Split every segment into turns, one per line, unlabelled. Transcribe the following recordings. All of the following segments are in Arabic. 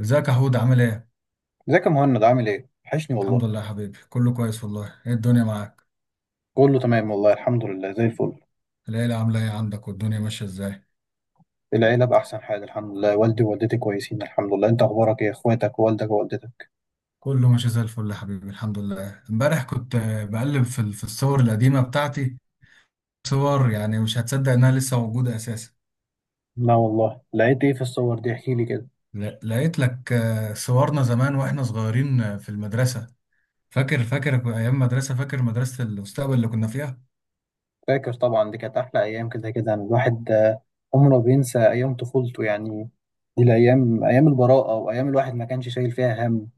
ازيك يا حود عامل ايه؟
ازيك يا مهند؟ عامل ايه؟ وحشني
الحمد
والله.
لله يا حبيبي، كله كويس والله. ايه الدنيا معاك؟
كله تمام والله، الحمد لله زي الفل.
العيلة عاملة ايه عندك؟ والدنيا ماشية ازاي؟
العيلة بأحسن حال الحمد لله، والدي ووالدتي كويسين الحمد لله. انت أخبارك ايه؟ اخواتك ووالدك ووالدتك؟
كله ماشي زي الفل يا حبيبي الحمد لله. امبارح كنت بقلب في في الصور القديمة بتاعتي. صور يعني مش هتصدق انها لسه موجودة اساسا.
لا والله، لقيت ايه في الصور دي؟ احكي لي كده.
لقيت لك صورنا زمان واحنا صغيرين في المدرسة. فاكر ايام مدرسة، فاكر مدرسة المستقبل اللي كنا فيها؟
فاكر طبعا، دي كانت أحلى أيام، كده كده الواحد عمره بينسى أيام طفولته يعني. دي الأيام أيام البراءة، وأيام الواحد ما كانش شايل فيها هم.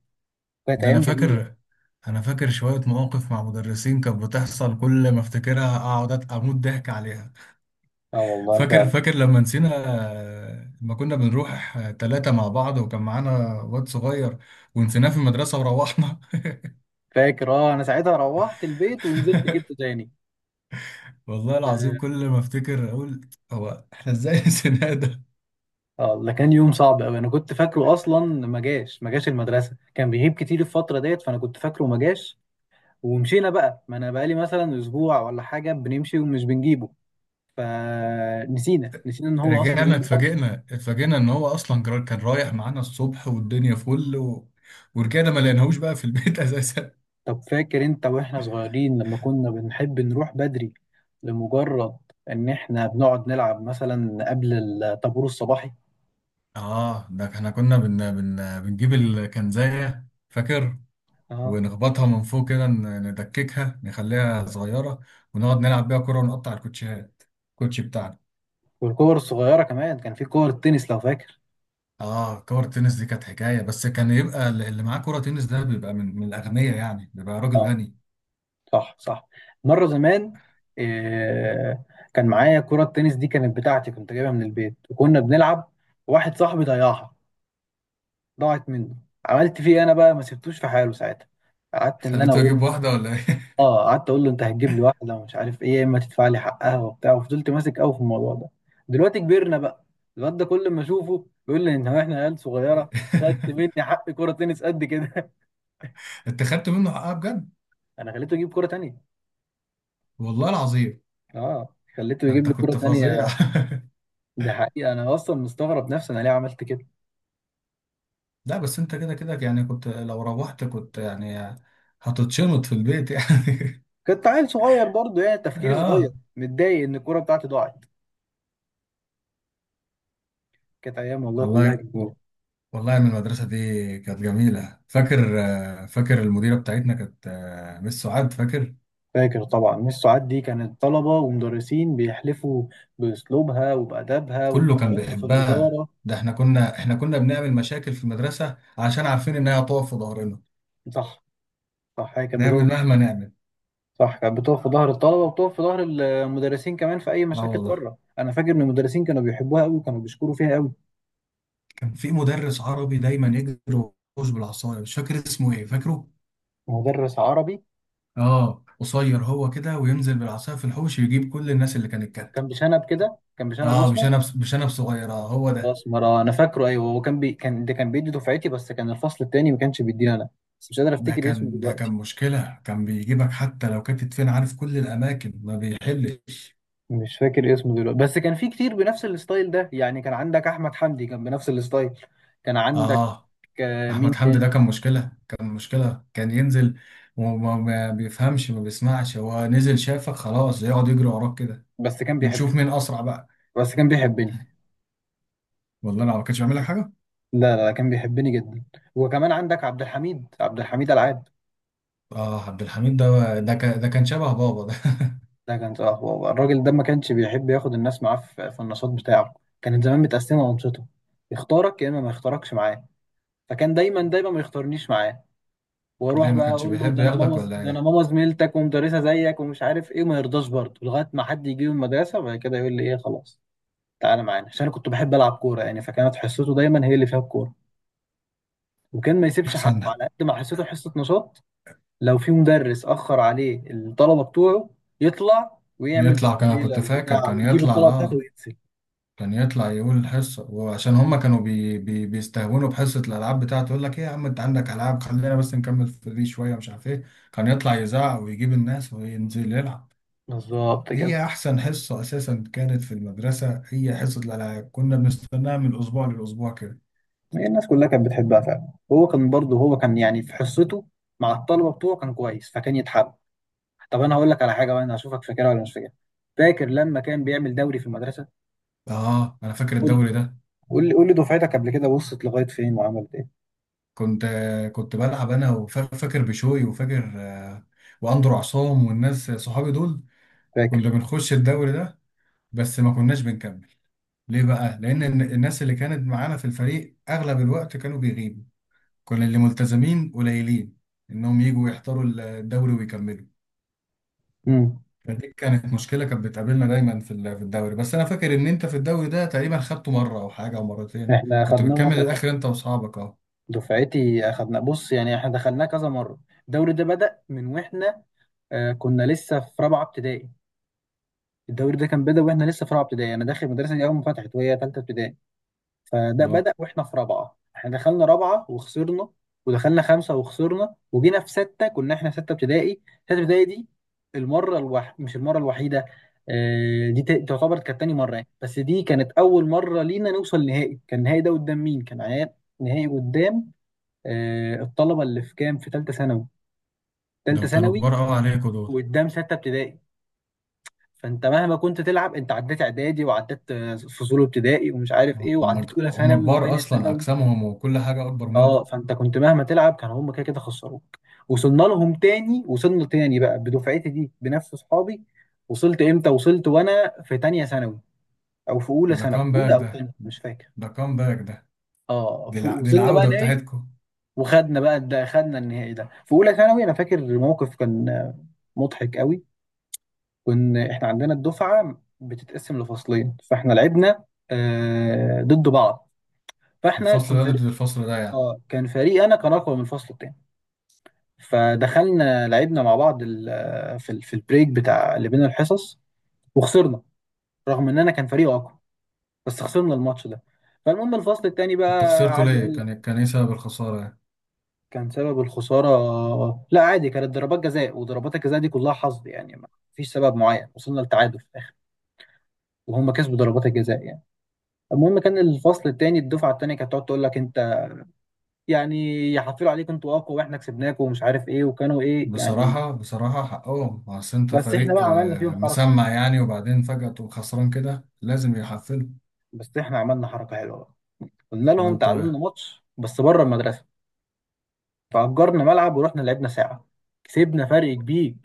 كانت
ده انا
أيام جميلة.
فاكر. انا فاكر شوية مواقف مع مدرسين كانت بتحصل كل ما افتكرها اقعد اموت ضحك عليها.
اه والله
فاكر
فعلا.
فاكر لما نسينا، لما كنا بنروح ثلاثة مع بعض وكان معانا واد صغير ونسيناه في المدرسة وروحنا.
فاكر، اه أنا ساعتها روحت البيت ونزلت جبته تاني.
والله العظيم كل ما افتكر اقول هو احنا ازاي نسيناه ده؟
اه ده كان يوم صعب قوي، انا كنت فاكره اصلا ما جاش. ما جاش المدرسه، كان بيغيب كتير الفتره ديت، فانا كنت فاكره ما جاش. ومشينا بقى، ما انا بقالي مثلا اسبوع ولا حاجه بنمشي ومش بنجيبه، فنسينا ان هو اصلا جه
رجعنا
النهارده.
اتفاجئنا ان هو اصلا كان رايح معانا الصبح والدنيا فل ورجعنا ما لقيناهوش بقى في البيت اساسا.
طب فاكر انت واحنا صغيرين لما كنا بنحب نروح بدري، لمجرد ان احنا بنقعد نلعب مثلا قبل الطابور الصباحي؟
اه ده احنا كنا بنجيب الكنزاية فاكر،
اه.
ونخبطها من فوق كده، ندككها نخليها صغيرة، ونقعد نلعب بيها كرة ونقطع الكوتشيهات، الكوتشي بتاعنا.
والكور الصغيره كمان، كان في كور التنس لو فاكر.
اه كرة تنس دي كانت حكاية، بس كان يبقى اللي معاه كرة تنس ده بيبقى من الأغنياء، يعني بيبقى راجل
آه.
غني.
صح صح. مرة زمان، آه، كان معايا كرة التنس دي، كانت بتاعتي، كنت جايبها من البيت وكنا بنلعب. واحد صاحبي ضيعها، ضاعت منه. عملت فيه إيه انا بقى؟ ما سبتوش في حاله ساعتها. قعدت ان انا
خليته يجيب
اقول.
واحدة ولا ايه؟
اه، قعدت اقول له انت هتجيب لي واحدة ومش عارف ايه، يا اما تدفع لي حقها وبتاع، وفضلت ماسك قوي في الموضوع ده. دلوقتي كبرنا بقى، الواد ده كل ما اشوفه بيقول لي ان هو احنا عيال صغيرة، خدت مني حق كرة تنس قد كده.
انت خدت منه حقها بجد،
انا خليته يجيب كرة تانية.
والله العظيم.
اه، خليته يجيب
انت
لي كرة
كنت فظيع.
تانية. ده حقيقة أنا أصلا مستغرب نفسي، أنا ليه عملت كده؟
لا بس انت كده كده يعني، كنت لو روحت كنت يعني هتتشنط في البيت يعني.
كنت عيل صغير برضه، يعني تفكيري صغير،
اه
متضايق إن الكورة بتاعتي ضاعت. كانت أيام والله كلها
والله.
جميلة.
والله من المدرسة دي كانت جميلة. فاكر فاكر المديرة بتاعتنا كانت مس سعاد، فاكر؟
فاكر طبعا، مس سعاد دي كانت طلبة ومدرسين بيحلفوا بأسلوبها وبأدبها
كله كان
وبطريقتها في
بيحبها،
الإدارة.
ده احنا كنا بنعمل مشاكل في المدرسة عشان عارفين انها هتقف في ظهرنا،
صح. صح، هي كانت
نعمل
بتقف.
مهما نعمل.
صح، كانت بتقف في ظهر الطلبة وبتقف في ظهر المدرسين كمان في أي
اه
مشاكل
والله.
بره. أنا فاكر إن المدرسين كانوا بيحبوها أوي وكانوا بيشكروا فيها أوي.
كان في مدرس عربي دايما يجري ويحوش بالعصاية، مش فاكر اسمه ايه، فاكره؟
مدرس عربي،
اه قصير هو كده، وينزل بالعصاية في الحوش يجيب كل الناس اللي كانت كاتة.
كان بشنب كده، كان بشنب
اه مش
أسمر.
انا بس، مش انا بصغيرة هو ده.
الاسمر انا فاكره، ايوه هو، كان ده كان بيدي دفعتي، بس كان الفصل التاني ما كانش بيدينا انا. بس مش قادر
ده
افتكر اسمه
كان ده كان
دلوقتي.
مشكلة، كان بيجيبك حتى لو كانت فين، عارف كل الأماكن ما بيحلش.
مش فاكر اسمه دلوقتي، بس كان في كتير بنفس الستايل ده يعني. كان عندك احمد حمدي كان بنفس الستايل. كان عندك
آه،
آه،
أحمد
مين
حمدي ده
تاني.
كان مشكلة، كان ينزل، وما ما بيفهمش ما بيسمعش، هو نزل شافك خلاص يقعد يجري وراك كده،
بس كان
ونشوف
بيحبني.
مين أسرع بقى.
بس كان بيحبني.
والله أنا ما كانش بيعمل لك حاجة.
لا لا لا، كان بيحبني جدا. وكمان عندك عبد الحميد، عبد الحميد العاد.
آه، عبد الحميد ده كان شبه بابا ده.
ده كان اه، هو الراجل ده ما كانش بيحب ياخد الناس معاه في النشاط بتاعه. كانت زمان متقسمه انشطه، يختارك يا اما ما يختاركش معاه. فكان دايما دايما ما يختارنيش معاه. واروح
ليه ما
بقى
كانش
اقول له
بيحب
ده انا ماما،
ياخدك ولا
ده انا
إيه؟
ماما زميلتك ومدرسه زيك ومش عارف ايه، وما يرضاش برضه لغايه ما حد يجي من المدرسه، وبعد كده يقول لي ايه خلاص، تعالى معانا. عشان انا كنت بحب العب كوره يعني، فكانت حصته دايما هي اللي فيها الكوره، وكان ما يسيبش حقه
أحسن.
على قد ما حصته حصه نشاط. لو في مدرس اخر عليه الطلبه بتوعه، يطلع ويعمل
يطلع، كان كنت
ليله
فاكر
بتاع
كان
ويجيب
يطلع
الطلبه بتاعته ويقتل.
كان يطلع يقول الحصة، وعشان هما كانوا بي بي بيستهونوا بحصة الألعاب بتاعته، يقول لك إيه يا عم أنت عندك ألعاب، خلينا بس نكمل في دي شوية مش عارف إيه. كان يطلع يزعق ويجيب الناس وينزل يلعب.
بالظبط كده.
هي أحسن حصة أساسا كانت في المدرسة هي حصة الألعاب، كنا بنستناها من الأسبوع للأسبوع كده.
هي الناس كلها كانت بتحبها فعلا، هو كان برضه، هو كان يعني في حصته مع الطلبه بتوعه كان كويس، فكان يتحب. طب انا هقول لك على حاجه بقى، انا هشوفك فاكرها ولا مش فاكرها. فاكر لما كان بيعمل دوري في المدرسه؟
آه، أنا فاكر
قول لي،
الدوري ده.
قول لي دفعتك قبل كده وصلت لغايه فين وعملت ايه؟
كنت كنت بلعب أنا وفاكر بشوي وفاكر وأندرو عصام والناس صحابي دول. كنا
فاكر.
بنخش الدوري ده، بس ما كناش بنكمل. ليه بقى؟ لأن الناس اللي كانت معانا في الفريق أغلب الوقت كانوا بيغيبوا. كنا اللي ملتزمين قليلين إنهم يجوا يحضروا الدوري ويكملوا.
امم.
فدي كانت مشكلة كانت بتقابلنا دايما في في الدوري. بس أنا فاكر إن أنت في الدوري ده تقريبا خدته مرة أو حاجة أو مرتين،
احنا
كنت
اخدناه
بتكمل
مره.
الآخر أنت وأصحابك أه.
دفعتي اخدنا، بص يعني احنا دخلناه كذا مره. الدوري ده بدأ من واحنا، آه كنا لسه في رابعه ابتدائي. الدوري ده كان بدأ واحنا لسه في رابعه ابتدائي، انا داخل المدرسه دي اول ما فتحت وهي ثالثه ابتدائي. فده
أه،
بدأ واحنا في رابعة، احنا دخلنا رابعة وخسرنا، ودخلنا خمسة وخسرنا، وجينا في ستة، كنا احنا في ستة ابتدائي. ستة ابتدائي دي مش المرة الوحيدة، دي تعتبر كانت تاني مرة يعني. بس دي كانت أول مرة لينا نوصل نهائي. كان النهائي ده قدام مين؟ كان عيال. نهائي قدام الطلبة اللي في كام، في تالتة ثانوي. تالتة
دول كانوا
ثانوي
كبار قوي عليكوا دول.
وقدام ستة ابتدائي. فانت مهما كنت تلعب، انت عديت اعدادي وعديت فصول ابتدائي ومش عارف ايه، وعديت اولى
هم
ثانوي
كبار
وتانية
أصلا،
ثانوي.
أجسامهم وكل حاجة أكبر منكم.
اه فانت كنت مهما تلعب، كانوا هم كده كده خسروك. وصلنا لهم تاني، وصلنا تاني بقى بدفعتي دي بنفس اصحابي. وصلت امتى؟ وصلت وانا في تانية ثانوي، او في اولى
ده
ثانوي،
كام باك
اولى او تانية
ده،
مش فاكر.
ده كام باك ده؟
اه،
دي دي
وصلنا بقى
العودة
نهائي.
بتاعتكم.
وخدنا بقى، ده خدنا النهائي ده في اولى ثانوي. انا فاكر موقف كان مضحك قوي. كنا احنا عندنا الدفعة بتتقسم لفصلين، فاحنا لعبنا آه ضد بعض. فاحنا
الفصل
كنت
ده ضد
فريق،
الفصل ده يعني.
اه كان فريق انا كان اقوى من الفصل التاني. فدخلنا لعبنا مع بعض في البريك بتاع اللي بين الحصص، وخسرنا. رغم اننا كان فريق اقوى، بس خسرنا الماتش ده. فالمهم الفصل التاني
انتوا
بقى
خسرتوا
قعد
ليه؟
يقول لك
كان الكنيسة بالخسارة يعني.
كان سبب الخسارة. لا عادي، كانت ضربات جزاء، وضربات الجزاء دي كلها حظ يعني، ما فيش سبب معين. وصلنا لتعادل في الاخر، وهم كسبوا ضربات الجزاء يعني. المهم، كان الفصل التاني الدفعة التانية كانت تقعد تقول لك انت يعني يحفلوا عليكم انتوا اقوى واحنا كسبناكم ومش عارف ايه، وكانوا ايه يعني.
بصراحة بصراحة حقهم، اصل انت
بس احنا
فريق
بقى عملنا فيهم حركة حلوة
مسمع يعني، وبعدين فجأة تقوم خسران كده لازم يحفلوا.
بس احنا عملنا حركة حلوة بقى. قلنا لهم
عملتوا
تعالوا لنا
ايه؟
ماتش بس بره المدرسه. فأجرنا ملعب ورحنا لعبنا ساعه، كسبنا فرق كبير.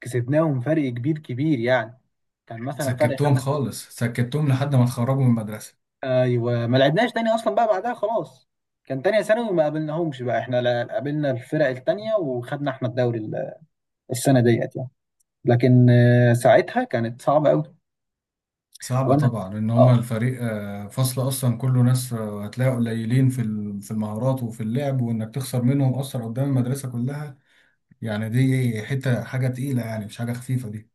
كسبناهم فرق كبير كبير يعني، كان مثلا فرق
سكتتهم
خمس ست.
خالص، سكتتهم لحد ما اتخرجوا من المدرسة.
ايوه، ما لعبناش تاني اصلا بقى بعدها خلاص. كان تانية ثانوي ما قابلناهمش بقى احنا، قابلنا الفرق التانية وخدنا احنا الدوري السنة ديت يعني. لكن ساعتها كانت صعبة قوي.
صعبة
قابلنا،
طبعا ان هما
اه
الفريق فصل اصلا كله ناس هتلاقي قليلين في في المهارات وفي اللعب، وانك تخسر منهم اصلا قدام المدرسة كلها. يعني دي حتة حاجة تقيلة يعني، مش حاجة خفيفة دي.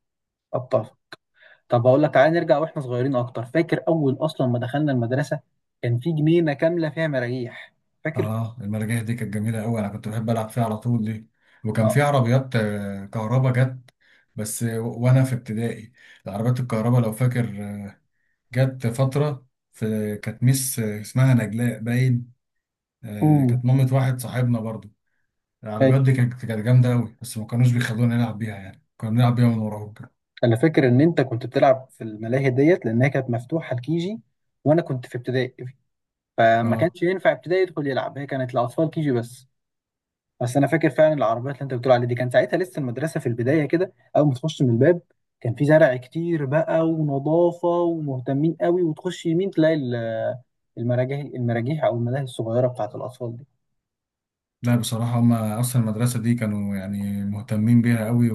ابطال. طب اقول لك تعالى نرجع واحنا صغيرين اكتر. فاكر اول اصلا ما دخلنا المدرسة، كان في جنينة كاملة فيها مراجيح؟ فاكر؟
اه المراجيح دي كانت جميله قوي، انا كنت بحب العب فيها على طول دي. وكان
آه.
في عربيات كهربا جت بس وانا في ابتدائي. العربيات الكهربا لو فاكر جت فتره. في كانت ميس اسمها نجلاء باين،
امم.
كانت مامة واحد صاحبنا برضو.
أي.
العربيات دي كانت جامده قوي، بس ما كانوش بيخلونا نلعب بيها، يعني كنا بنلعب بيها من وراهم كده.
انا فاكر ان انت كنت بتلعب في الملاهي ديت لانها كانت مفتوحه لكيجي، وانا كنت في ابتدائي، فما
اه،
كانش ينفع ابتدائي يدخل يلعب، هي كانت لاطفال كيجي بس. بس انا فاكر فعلا العربيات اللي انت بتقول عليها دي، كان ساعتها لسه المدرسه في البدايه كده، اول ما تخش من الباب كان في زرع كتير بقى ونظافه ومهتمين قوي، وتخش يمين تلاقي المراجيح، المراجيح او الملاهي الصغيره بتاعت الاطفال دي.
لا بصراحه هم اصلا المدرسه دي كانوا يعني مهتمين بيها قوي.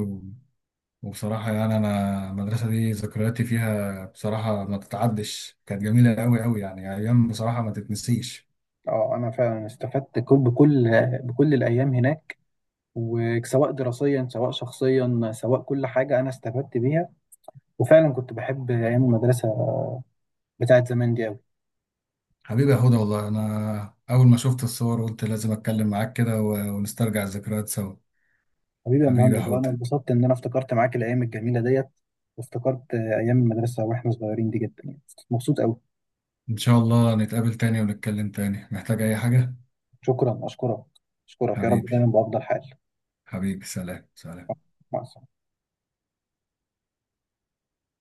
وبصراحة يعني أنا المدرسة دي ذكرياتي فيها بصراحة ما تتعدش، كانت جميلة أوي أوي يعني، أيام بصراحة ما تتنسيش.
اه انا فعلا استفدت بكل، بكل الايام هناك، وسواء دراسيا سواء شخصيا سواء كل حاجة أنا استفدت بيها. وفعلا كنت بحب أيام المدرسة بتاعت زمان دي أوي.
حبيبي يا هدى، والله أنا أول ما شفت الصور قلت لازم أتكلم معاك كده ونسترجع الذكريات سوا.
حبيبي يا
حبيبي يا
مهند،
هدى.
وأنا اتبسطت إن أنا افتكرت معاك الأيام الجميلة ديت، وافتكرت أيام المدرسة وإحنا صغيرين دي جدا يعني. مبسوط أوي.
إن شاء الله نتقابل تاني ونتكلم تاني. محتاج أي حاجة؟
شكرا، أشكرك. أشكرك، يا رب
حبيبي.
دايما بأفضل حال.
حبيبي، سلام سلام.
مع السلامة.